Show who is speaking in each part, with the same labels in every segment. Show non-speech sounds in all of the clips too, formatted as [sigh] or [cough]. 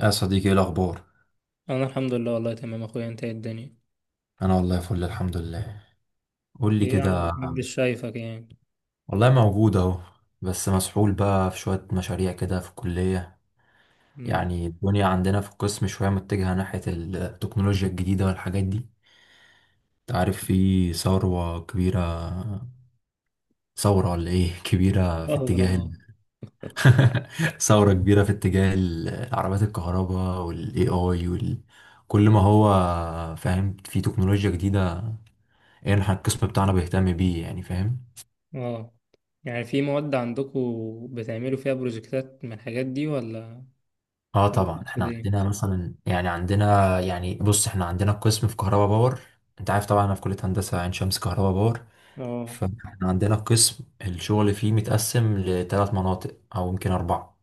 Speaker 1: يا صديقي ايه الاخبار؟
Speaker 2: انا الحمد لله، والله تمام اخويا. انت إيه الدنيا؟
Speaker 1: انا والله فل، الحمد لله. قول لي
Speaker 2: ايه يا عم
Speaker 1: كده.
Speaker 2: محمد، مش شايفك يعني.
Speaker 1: والله موجود اهو، بس مسحول بقى في شويه مشاريع كده في الكليه.
Speaker 2: امم
Speaker 1: يعني الدنيا عندنا في القسم شويه متجهه ناحيه التكنولوجيا الجديده والحاجات دي. انت عارف في ثوره كبيره، ثوره ولا ايه [laughs] كبيره في
Speaker 2: ظهر.
Speaker 1: اتجاه
Speaker 2: اه
Speaker 1: [laughs] ثوره كبيره في اتجاه العربيات الكهرباء والاي اي كل ما هو فاهم، في تكنولوجيا جديده، ايه احنا القسم بتاعنا بيهتم بيه، يعني فاهم.
Speaker 2: اه يعني في مواد عندكم بتعملوا فيها بروجكتات من الحاجات دي، ولا
Speaker 1: اه
Speaker 2: ولا
Speaker 1: طبعا
Speaker 2: تقصد
Speaker 1: احنا
Speaker 2: ايه؟
Speaker 1: عندنا مثلا، يعني عندنا، يعني بص احنا عندنا قسم في كهرباء باور. انت عارف طبعا انا في كلية هندسة عين شمس كهرباء باور.
Speaker 2: اه
Speaker 1: فاحنا عندنا قسم الشغل فيه متقسم لثلاث مناطق او يمكن اربعة.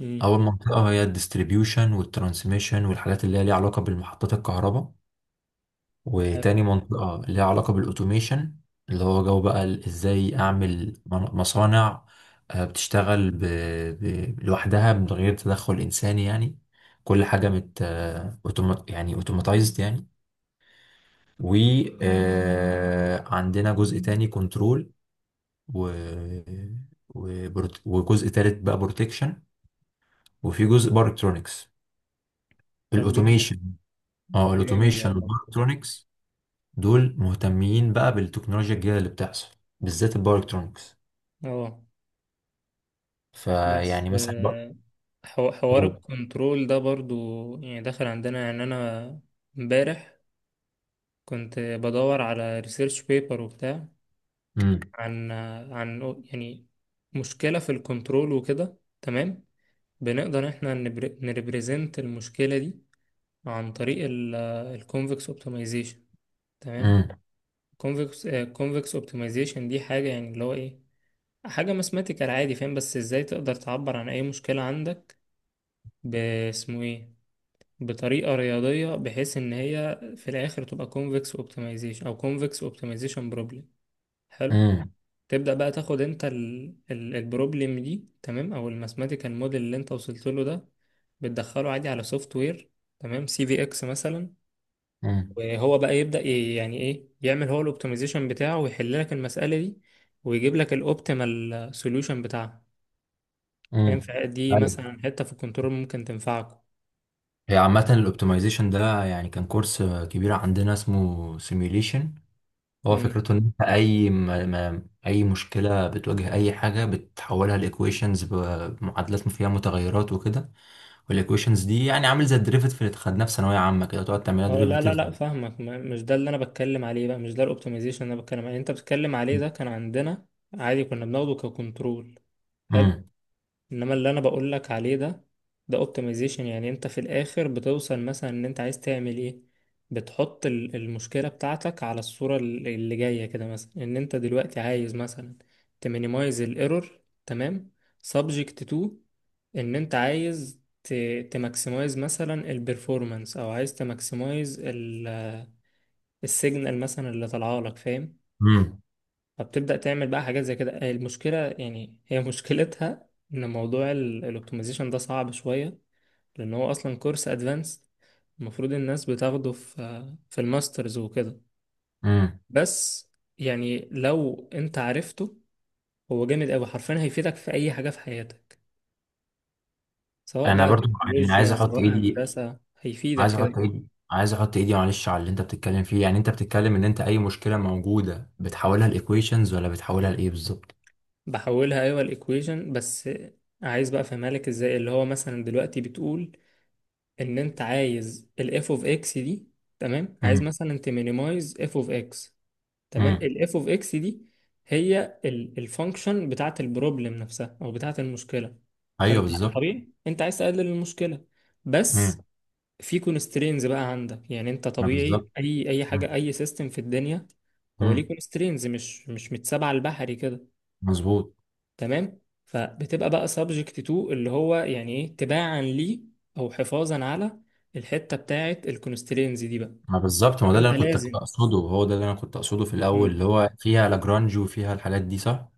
Speaker 2: امم،
Speaker 1: اول منطقة هي الديستريبيوشن والترانسميشن والحاجات اللي هي ليها علاقة بالمحطات الكهرباء،
Speaker 2: حلو.
Speaker 1: وتاني منطقة ليها علاقة بالأوتوميشن، اللي هو جو بقى إزاي أعمل مصانع بتشتغل لوحدها من غير تدخل إنساني يعني، كل حاجة يعني أوتوماتايزد يعني. وعندنا جزء تاني كنترول، و... وجزء تالت بقى بروتكشن، وفي جزء باركترونكس.
Speaker 2: طب جامد.
Speaker 1: الأوتوميشن، اه
Speaker 2: جامد
Speaker 1: الأوتوميشن
Speaker 2: والله.
Speaker 1: والباركترونكس دول مهتمين بقى بالتكنولوجيا الجديدة اللي بتحصل، بالذات الباور الكترونكس.
Speaker 2: اه بس
Speaker 1: فيعني مثلا بقى
Speaker 2: آه، حوار
Speaker 1: هو.
Speaker 2: الكنترول ده برضو يعني داخل عندنا. يعني انا امبارح كنت بدور على ريسيرش بيبر وبتاع،
Speaker 1: امم.
Speaker 2: عن عن يعني مشكلة في الكنترول وكده، تمام. بنقدر احنا نريبريزنت المشكلة دي عن طريق الكونفكس اوبتمايزيشن، تمام.
Speaker 1: امم.
Speaker 2: كونفكس كونفكس اوبتمايزيشن دي حاجة، يعني اللي هو ايه، حاجة ماثماتيكال عادي فاهم. بس ازاي تقدر تعبر عن اي مشكلة عندك، باسمه ايه، بطريقة رياضية بحيث ان هي في الاخر تبقى كونفكس اوبتمايزيشن او كونفكس اوبتمايزيشن بروبلم. حلو.
Speaker 1: امم.
Speaker 2: تبدأ بقى تاخد انت البروبلم دي، تمام، او الماثماتيكال موديل اللي انت وصلت له ده، بتدخله عادي على سوفت وير، تمام، سي في اكس مثلا.
Speaker 1: امم.
Speaker 2: وهو بقى يبدأ، يعني ايه، يعمل هو الاوبتمايزيشن بتاعه ويحل لك المسألة دي، ويجيب لك الاوبتيمال سوليوشن بتاعها،
Speaker 1: امم.
Speaker 2: فاهم؟ فدي
Speaker 1: ايوه،
Speaker 2: مثلا حتة في الكنترول ممكن تنفعكم.
Speaker 1: هي عامة الاوبتمايزيشن ده يعني كان كورس كبير عندنا اسمه سيميوليشن. هو
Speaker 2: امم.
Speaker 1: فكرته ان انت اي ما اي مشكلة بتواجه اي حاجة بتحولها لايكويشنز، بمعادلات فيها متغيرات وكده. والايكويشنز دي يعني عامل زي الدريفيتيف اللي خدناه في ثانوية عامة كده، تقعد تعملها
Speaker 2: هو لا لا
Speaker 1: دريفيتيف.
Speaker 2: لا، فاهمك. مش ده اللي انا بتكلم عليه بقى، مش ده الاوبتمايزيشن اللي انا بتكلم عليه. انت بتتكلم عليه ده كان عندنا عادي، كنا بناخده ككنترول. حلو.
Speaker 1: امم.
Speaker 2: انما اللي انا بقول لك عليه ده، ده اوبتمايزيشن. يعني انت في الاخر بتوصل مثلا ان انت عايز تعمل ايه، بتحط المشكلة بتاعتك على الصورة اللي جاية كده، مثلا ان انت دلوقتي عايز مثلا تمينيمايز الايرور، تمام، سبجكت تو ان انت عايز تماكسمايز مثلا البرفورمانس، او عايز تماكسمايز السيجنال مثلا اللي طالعه لك، فاهم.
Speaker 1: امم.
Speaker 2: فبتبدأ تعمل بقى حاجات زي كده. المشكلة يعني هي [laughs] مشكلتها إن موضوع الأوبتمايزيشن ده صعب شوية، لأن هو أصلا كورس أدفانس. المفروض الناس بتاخده في الماسترز وكده.
Speaker 1: امم.
Speaker 2: بس يعني لو أنت عرفته، هو جامد أوي، حرفيا هيفيدك في أي حاجة في حياتك، سواء
Speaker 1: انا
Speaker 2: بقى
Speaker 1: برضو يعني عايز
Speaker 2: تكنولوجيا
Speaker 1: احط
Speaker 2: سواء
Speaker 1: ايدي
Speaker 2: هندسة، هيفيدك
Speaker 1: عايز
Speaker 2: كده
Speaker 1: احط
Speaker 2: كده.
Speaker 1: ايدي عايز احط ايدي معلش على اللي انت بتتكلم فيه، يعني انت بتتكلم ان انت اي مشكله موجوده بتحولها لايكويشنز ولا بتحولها لايه بالظبط؟
Speaker 2: بحولها أيوة، الإيكويشن بس. عايز بقى أفهمها لك إزاي. اللي هو مثلا دلوقتي بتقول ان انت عايز الاف اوف اكس دي، تمام، عايز
Speaker 1: امم.
Speaker 2: مثلا تمينيمايز اف اوف اكس، تمام.
Speaker 1: امم.
Speaker 2: الاف اوف اكس دي هي الفانكشن بتاعت البروبلم نفسها او بتاعت المشكله.
Speaker 1: ايوه
Speaker 2: فانت
Speaker 1: بالظبط.
Speaker 2: طبيعي انت عايز تقلل المشكله.
Speaker 1: امم.
Speaker 2: بس في كونسترينز بقى عندك، يعني انت
Speaker 1: ما
Speaker 2: طبيعي،
Speaker 1: بالظبط.
Speaker 2: اي حاجه،
Speaker 1: امم.
Speaker 2: اي سيستم في الدنيا، هو
Speaker 1: أمم.
Speaker 2: ليه كونسترينز، مش متسابعه البحري كده،
Speaker 1: مظبوط.
Speaker 2: تمام. فبتبقى بقى سبجكت تو اللي هو يعني ايه، تباعا ليه او حفاظا على الحته بتاعه الكونسترينز دي بقى،
Speaker 1: ما بالظبط، ما هو ده اللي
Speaker 2: انت
Speaker 1: انا كنت
Speaker 2: لازم.
Speaker 1: اقصده، هو ده اللي انا كنت اقصده في الاول،
Speaker 2: مم.
Speaker 1: اللي هو فيها لاجرانج وفيها الحاجات دي، صح.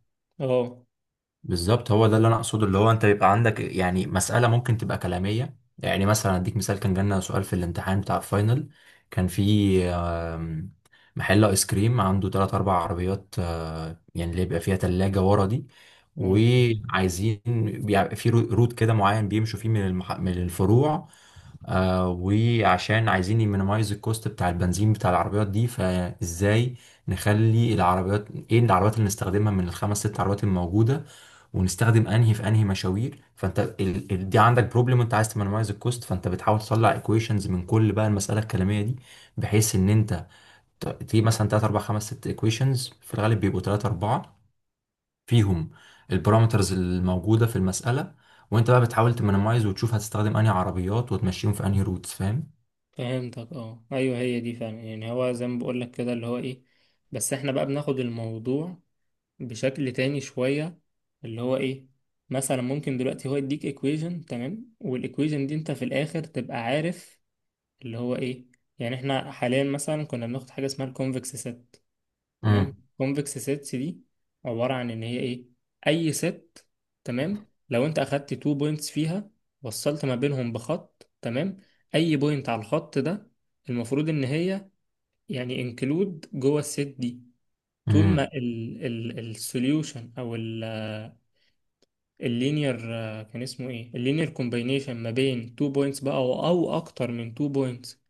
Speaker 2: اه.
Speaker 1: بالظبط، هو ده اللي انا اقصده، اللي هو انت يبقى عندك يعني مسألة ممكن تبقى كلامية. يعني مثلا اديك مثال، كان جالنا سؤال في الامتحان بتاع الفاينل. كان في آم، محل ايس كريم عنده ثلاث اربع عربيات، يعني اللي بيبقى فيها تلاجة ورا دي،
Speaker 2: اه
Speaker 1: وعايزين بيبقى في روت كده معين بيمشوا فيه من من الفروع، وعشان عايزين يمينيمايز الكوست بتاع البنزين بتاع العربيات دي، فازاي نخلي العربيات، ايه العربيات اللي نستخدمها من الخمس ست عربيات الموجودة، ونستخدم انهي في انهي مشاوير. فانت دي عندك بروبلم، انت عايز تمنمايز الكوست، فانت بتحاول تطلع ايكويشنز من كل بقى المساله الكلاميه دي، بحيث ان انت تجيب مثلا 3 4 5 6 ايكويشنز، في الغالب بيبقوا 3 4، فيهم البارامترز الموجوده في المساله، وانت بقى بتحاول تمنمايز وتشوف هتستخدم انهي عربيات وتمشيهم في انهي روتس، فاهم؟
Speaker 2: فهمتك، اه ايوه، هي دي فعلا. يعني هو زي ما بقول لك كده اللي هو ايه، بس احنا بقى بناخد الموضوع بشكل تاني شويه، اللي هو ايه. مثلا ممكن دلوقتي هو يديك ايكويجن، تمام، والايكويجن دي انت في الاخر تبقى عارف اللي هو ايه. يعني احنا حاليا مثلا كنا بناخد حاجه اسمها الكونفكس ست،
Speaker 1: امم.
Speaker 2: تمام. كونفكس سيتس دي عبارة عن ان هي ايه، اي ست، تمام، لو انت اخدت تو بوينتس فيها، وصلت ما بينهم بخط، تمام، اي بوينت على الخط ده المفروض ان هي يعني انكلود جوه الست دي، طول
Speaker 1: امم.
Speaker 2: ما السوليوشن او اللينير، آه، كان اسمه ايه، اللينير كومباينيشن ما بين 2 بوينتس بقى، او اكتر من 2 بوينتس،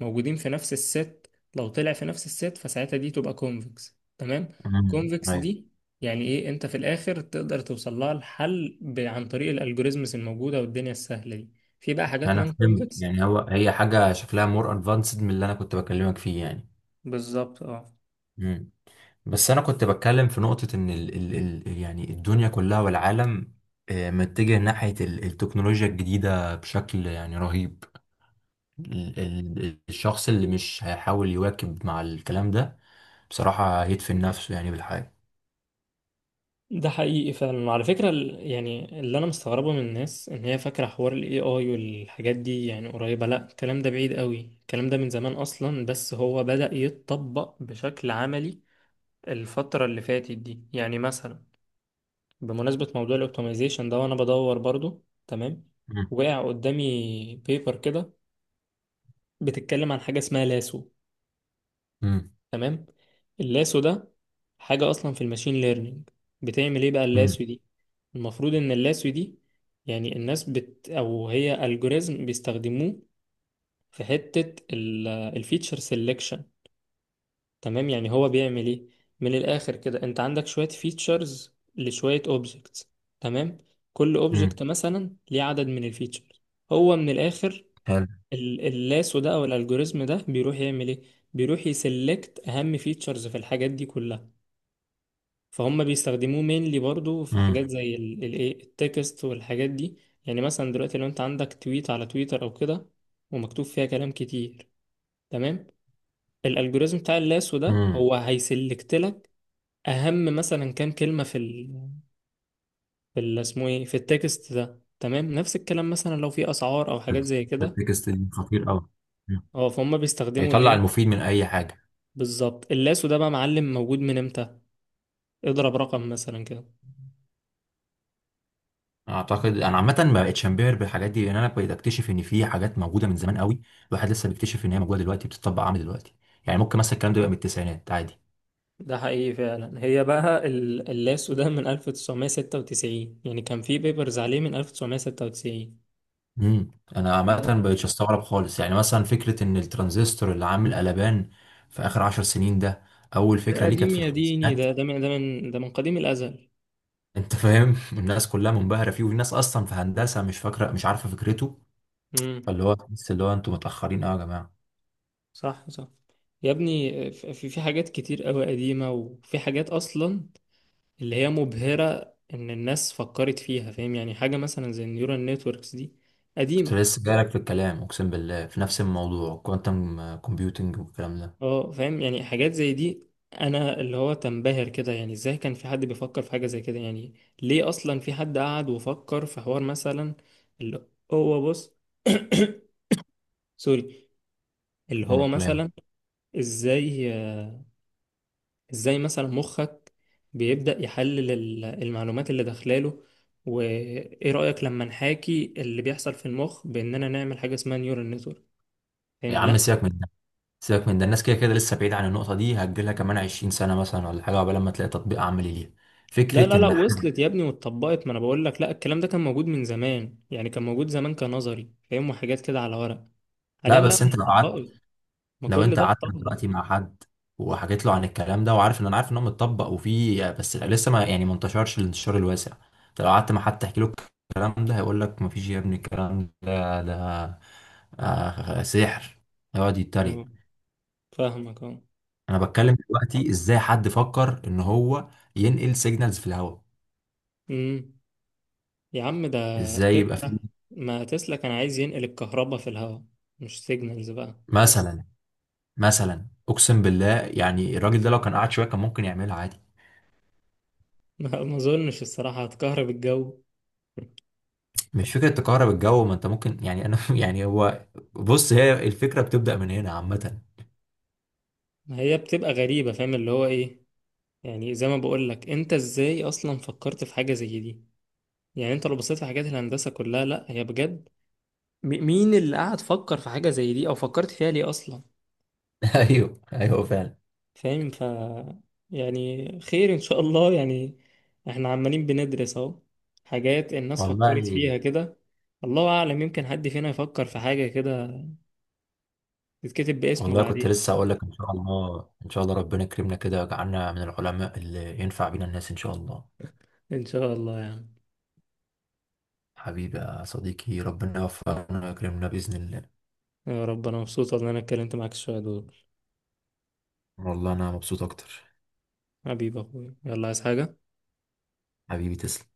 Speaker 2: موجودين في نفس الست. لو طلع في نفس الست فساعتها دي تبقى كونفكس، تمام.
Speaker 1: امم.
Speaker 2: كونفكس
Speaker 1: ايوه
Speaker 2: دي يعني ايه، انت في الاخر تقدر توصل لها الحل عن طريق الالجوريزمز الموجوده والدنيا السهله دي. في بقى حاجات
Speaker 1: انا
Speaker 2: نون
Speaker 1: فهمت،
Speaker 2: كونفكس.
Speaker 1: يعني هو هي حاجه شكلها مور ادفانسد من اللي انا كنت بكلمك فيه يعني.
Speaker 2: بالظبط، اه.
Speaker 1: مم. بس انا كنت بتكلم في نقطة ان ال يعني الدنيا كلها والعالم متجه ناحية التكنولوجيا الجديدة بشكل يعني رهيب. الشخص اللي مش هيحاول يواكب مع الكلام ده، بصراحة هيدفن نفسه يعني بالحياة.
Speaker 2: ده حقيقي فعلا. وعلى فكرة يعني اللي أنا مستغربه من الناس إن هي فاكرة حوار ال AI والحاجات دي يعني قريبة، لأ. الكلام ده بعيد قوي، الكلام ده من زمان أصلا، بس هو بدأ يتطبق بشكل عملي الفترة اللي فاتت دي. يعني مثلا، بمناسبة موضوع الأوبتمايزيشن ده وأنا بدور برضو، تمام،
Speaker 1: مم.
Speaker 2: وقع قدامي بيبر كده بتتكلم عن حاجة اسمها لاسو،
Speaker 1: مم.
Speaker 2: تمام. اللاسو ده حاجة أصلا في الماشين ليرنينج. بتعمل إيه بقى
Speaker 1: مم.
Speaker 2: اللاسو دي؟ المفروض إن اللاسو دي، يعني الناس أو هي ألجوريزم بيستخدموه في حتة الفيتشر سيلكشن، تمام. يعني هو بيعمل إيه، من الآخر كده، أنت عندك شوية فيتشرز لشوية أوبجكتس، تمام. كل
Speaker 1: مم.
Speaker 2: أوبجكت مثلا ليه عدد من الفيتشرز. هو من الآخر،
Speaker 1: حلو.
Speaker 2: اللاسو ده أو الألجوريزم ده بيروح يعمل إيه، بيروح يسلكت أهم فيتشرز في الحاجات دي كلها. فهم بيستخدموه مينلي برضو في حاجات
Speaker 1: مم.
Speaker 2: زي ايه، التكست والحاجات دي. يعني مثلا دلوقتي لو انت عندك تويت على تويتر او كده، ومكتوب فيها كلام كتير، تمام، الالجوريزم بتاع اللاسو ده
Speaker 1: مم.
Speaker 2: هو هيسلكت لك اهم مثلا كام كلمة في اسمه ايه، في التكست ده، تمام. نفس الكلام مثلا لو في اسعار او حاجات زي كده.
Speaker 1: التكست دي خطير قوي،
Speaker 2: اه، فهم بيستخدموا
Speaker 1: هيطلع
Speaker 2: الايه
Speaker 1: المفيد من اي حاجة.
Speaker 2: بالظبط. اللاسو ده بقى معلم موجود من امتى؟ اضرب رقم مثلا كده.
Speaker 1: اعتقد انا عامه ما بقتش انبهر بالحاجات دي، لان انا بقيت اكتشف ان في حاجات موجوده من زمان قوي، الواحد لسه بيكتشف ان هي موجوده دلوقتي بتطبق، عامل دلوقتي. يعني ممكن مثلا الكلام ده يبقى من التسعينات عادي.
Speaker 2: ده حقيقي فعلا. هي بقى اللاسو ده من 1996، يعني كان في بيبرز عليه من 1996.
Speaker 1: امم. انا عامه
Speaker 2: مم.
Speaker 1: ما بقتش استغرب خالص. يعني مثلا فكره ان الترانزستور اللي عامل قلبان في اخر عشر سنين ده، اول
Speaker 2: ده
Speaker 1: فكره ليه كانت
Speaker 2: قديم
Speaker 1: في
Speaker 2: يا ديني،
Speaker 1: الخمسينات.
Speaker 2: ده من قديم الأزل.
Speaker 1: انت فاهم؟ [laughs] الناس كلها منبهره فيه وفي ناس اصلا في هندسه مش فاكره مش عارفه فكرته.
Speaker 2: امم.
Speaker 1: فاللي هو بس اللي هو انتوا متاخرين قوي يا جماعه.
Speaker 2: صح صح. يا ابني في حاجات كتير قوي قديمة، وفي حاجات أصلا اللي هي مبهرة إن الناس فكرت فيها، فاهم. يعني حاجة مثلا زي النيورال نتوركس دي
Speaker 1: كنت
Speaker 2: قديمة.
Speaker 1: لسه جايلك في الكلام، اقسم بالله، في نفس الموضوع، كوانتم كومبيوتنج والكلام ده.
Speaker 2: اه. فاهم يعني حاجات زي دي. انا اللي هو تنبهر كده، يعني ازاي كان في حد بيفكر في حاجة زي كده، يعني ليه اصلا في حد قعد وفكر في حوار مثلا اللي هو، بص، [coughs] سوري، اللي هو
Speaker 1: مم، لامب.
Speaker 2: مثلا ازاي، مثلا مخك بيبدأ يحلل المعلومات اللي داخلاله، وايه رأيك لما نحاكي اللي بيحصل في المخ باننا نعمل حاجة اسمها نيورال نتورك،
Speaker 1: يا
Speaker 2: فاهم؟
Speaker 1: عم
Speaker 2: لا
Speaker 1: سيبك من ده، سيبك من ده، الناس كده كده لسه بعيد عن النقطة دي، هتجيلها كمان 20 سنة مثلا ولا حاجة قبل ما تلاقي تطبيق عملي ليها.
Speaker 2: لا
Speaker 1: فكرة
Speaker 2: لا لا،
Speaker 1: إن حد،
Speaker 2: وصلت يا ابني واتطبقت. ما انا بقول لك، لا، الكلام ده كان موجود من زمان، يعني كان موجود زمان كنظري، فاهم، وحاجات كده على ورق.
Speaker 1: لا
Speaker 2: حاليا لا،
Speaker 1: بس
Speaker 2: مش
Speaker 1: أنت لو قعدت،
Speaker 2: اتطبقت. ما
Speaker 1: لو
Speaker 2: كل
Speaker 1: أنت
Speaker 2: ده
Speaker 1: قعدت
Speaker 2: اتطبق.
Speaker 1: دلوقتي مع حد وحكيت له عن الكلام ده، وعارف إن أنا عارف إن هو متطبق وفيه، بس لسه ما يعني ما انتشرش الانتشار الواسع. أنت لو قعدت مع حد تحكي له الكلام ده، هيقول لك مفيش يا ابني الكلام ده ده آه سحر، هيقعد يتريق.
Speaker 2: اه، فاهمك، اه.
Speaker 1: أنا بتكلم دلوقتي إزاي حد فكر إن هو ينقل سيجنالز في الهواء،
Speaker 2: امم، يا عم ده
Speaker 1: ازاي يبقى في
Speaker 2: تسلا. ما تسلا كان عايز ينقل الكهرباء في الهواء، مش سيجنالز بقى.
Speaker 1: مثلا. مثلا اقسم بالله، يعني الراجل ده لو كان قعد شويه كان ممكن يعملها عادي.
Speaker 2: [laughs] ما اظنش الصراحة، هتكهرب الجو.
Speaker 1: مش فكره تكهرب الجو، ما انت ممكن يعني انا [laughs] يعني هو، بص هي الفكره بتبدا من هنا عامه.
Speaker 2: ما هي بتبقى غريبة فاهم اللي هو ايه. يعني زي ما بقول لك، انت ازاي اصلا فكرت في حاجة زي دي. يعني انت لو بصيت في حاجات الهندسة كلها، لا هي بجد، مين اللي قعد فكر في حاجة زي دي، او فكرت فيها ليه اصلا،
Speaker 1: [laughs] ايوه ايوه فعلا.
Speaker 2: فاهم. ف يعني خير ان شاء الله. يعني احنا عمالين بندرس اهو حاجات الناس
Speaker 1: والله.
Speaker 2: فكرت فيها كده. الله اعلم يمكن حد فينا يفكر في حاجة كده تتكتب باسمه
Speaker 1: والله كنت
Speaker 2: بعدين.
Speaker 1: لسه اقول لك ان شاء الله ان شاء الله ربنا يكرمنا كده ويجعلنا من العلماء اللي ينفع بينا الناس ان شاء الله.
Speaker 2: ان شاء الله يعني.
Speaker 1: حبيبي يا صديقي ربنا يوفقنا ويكرمنا باذن الله.
Speaker 2: يا رب، انا مبسوط والله إن انا اتكلمت معاك شوية دول.
Speaker 1: والله انا مبسوط اكتر.
Speaker 2: حبيبي يا اخويا، يلا، عايز حاجة؟
Speaker 1: حبيبي تسلم.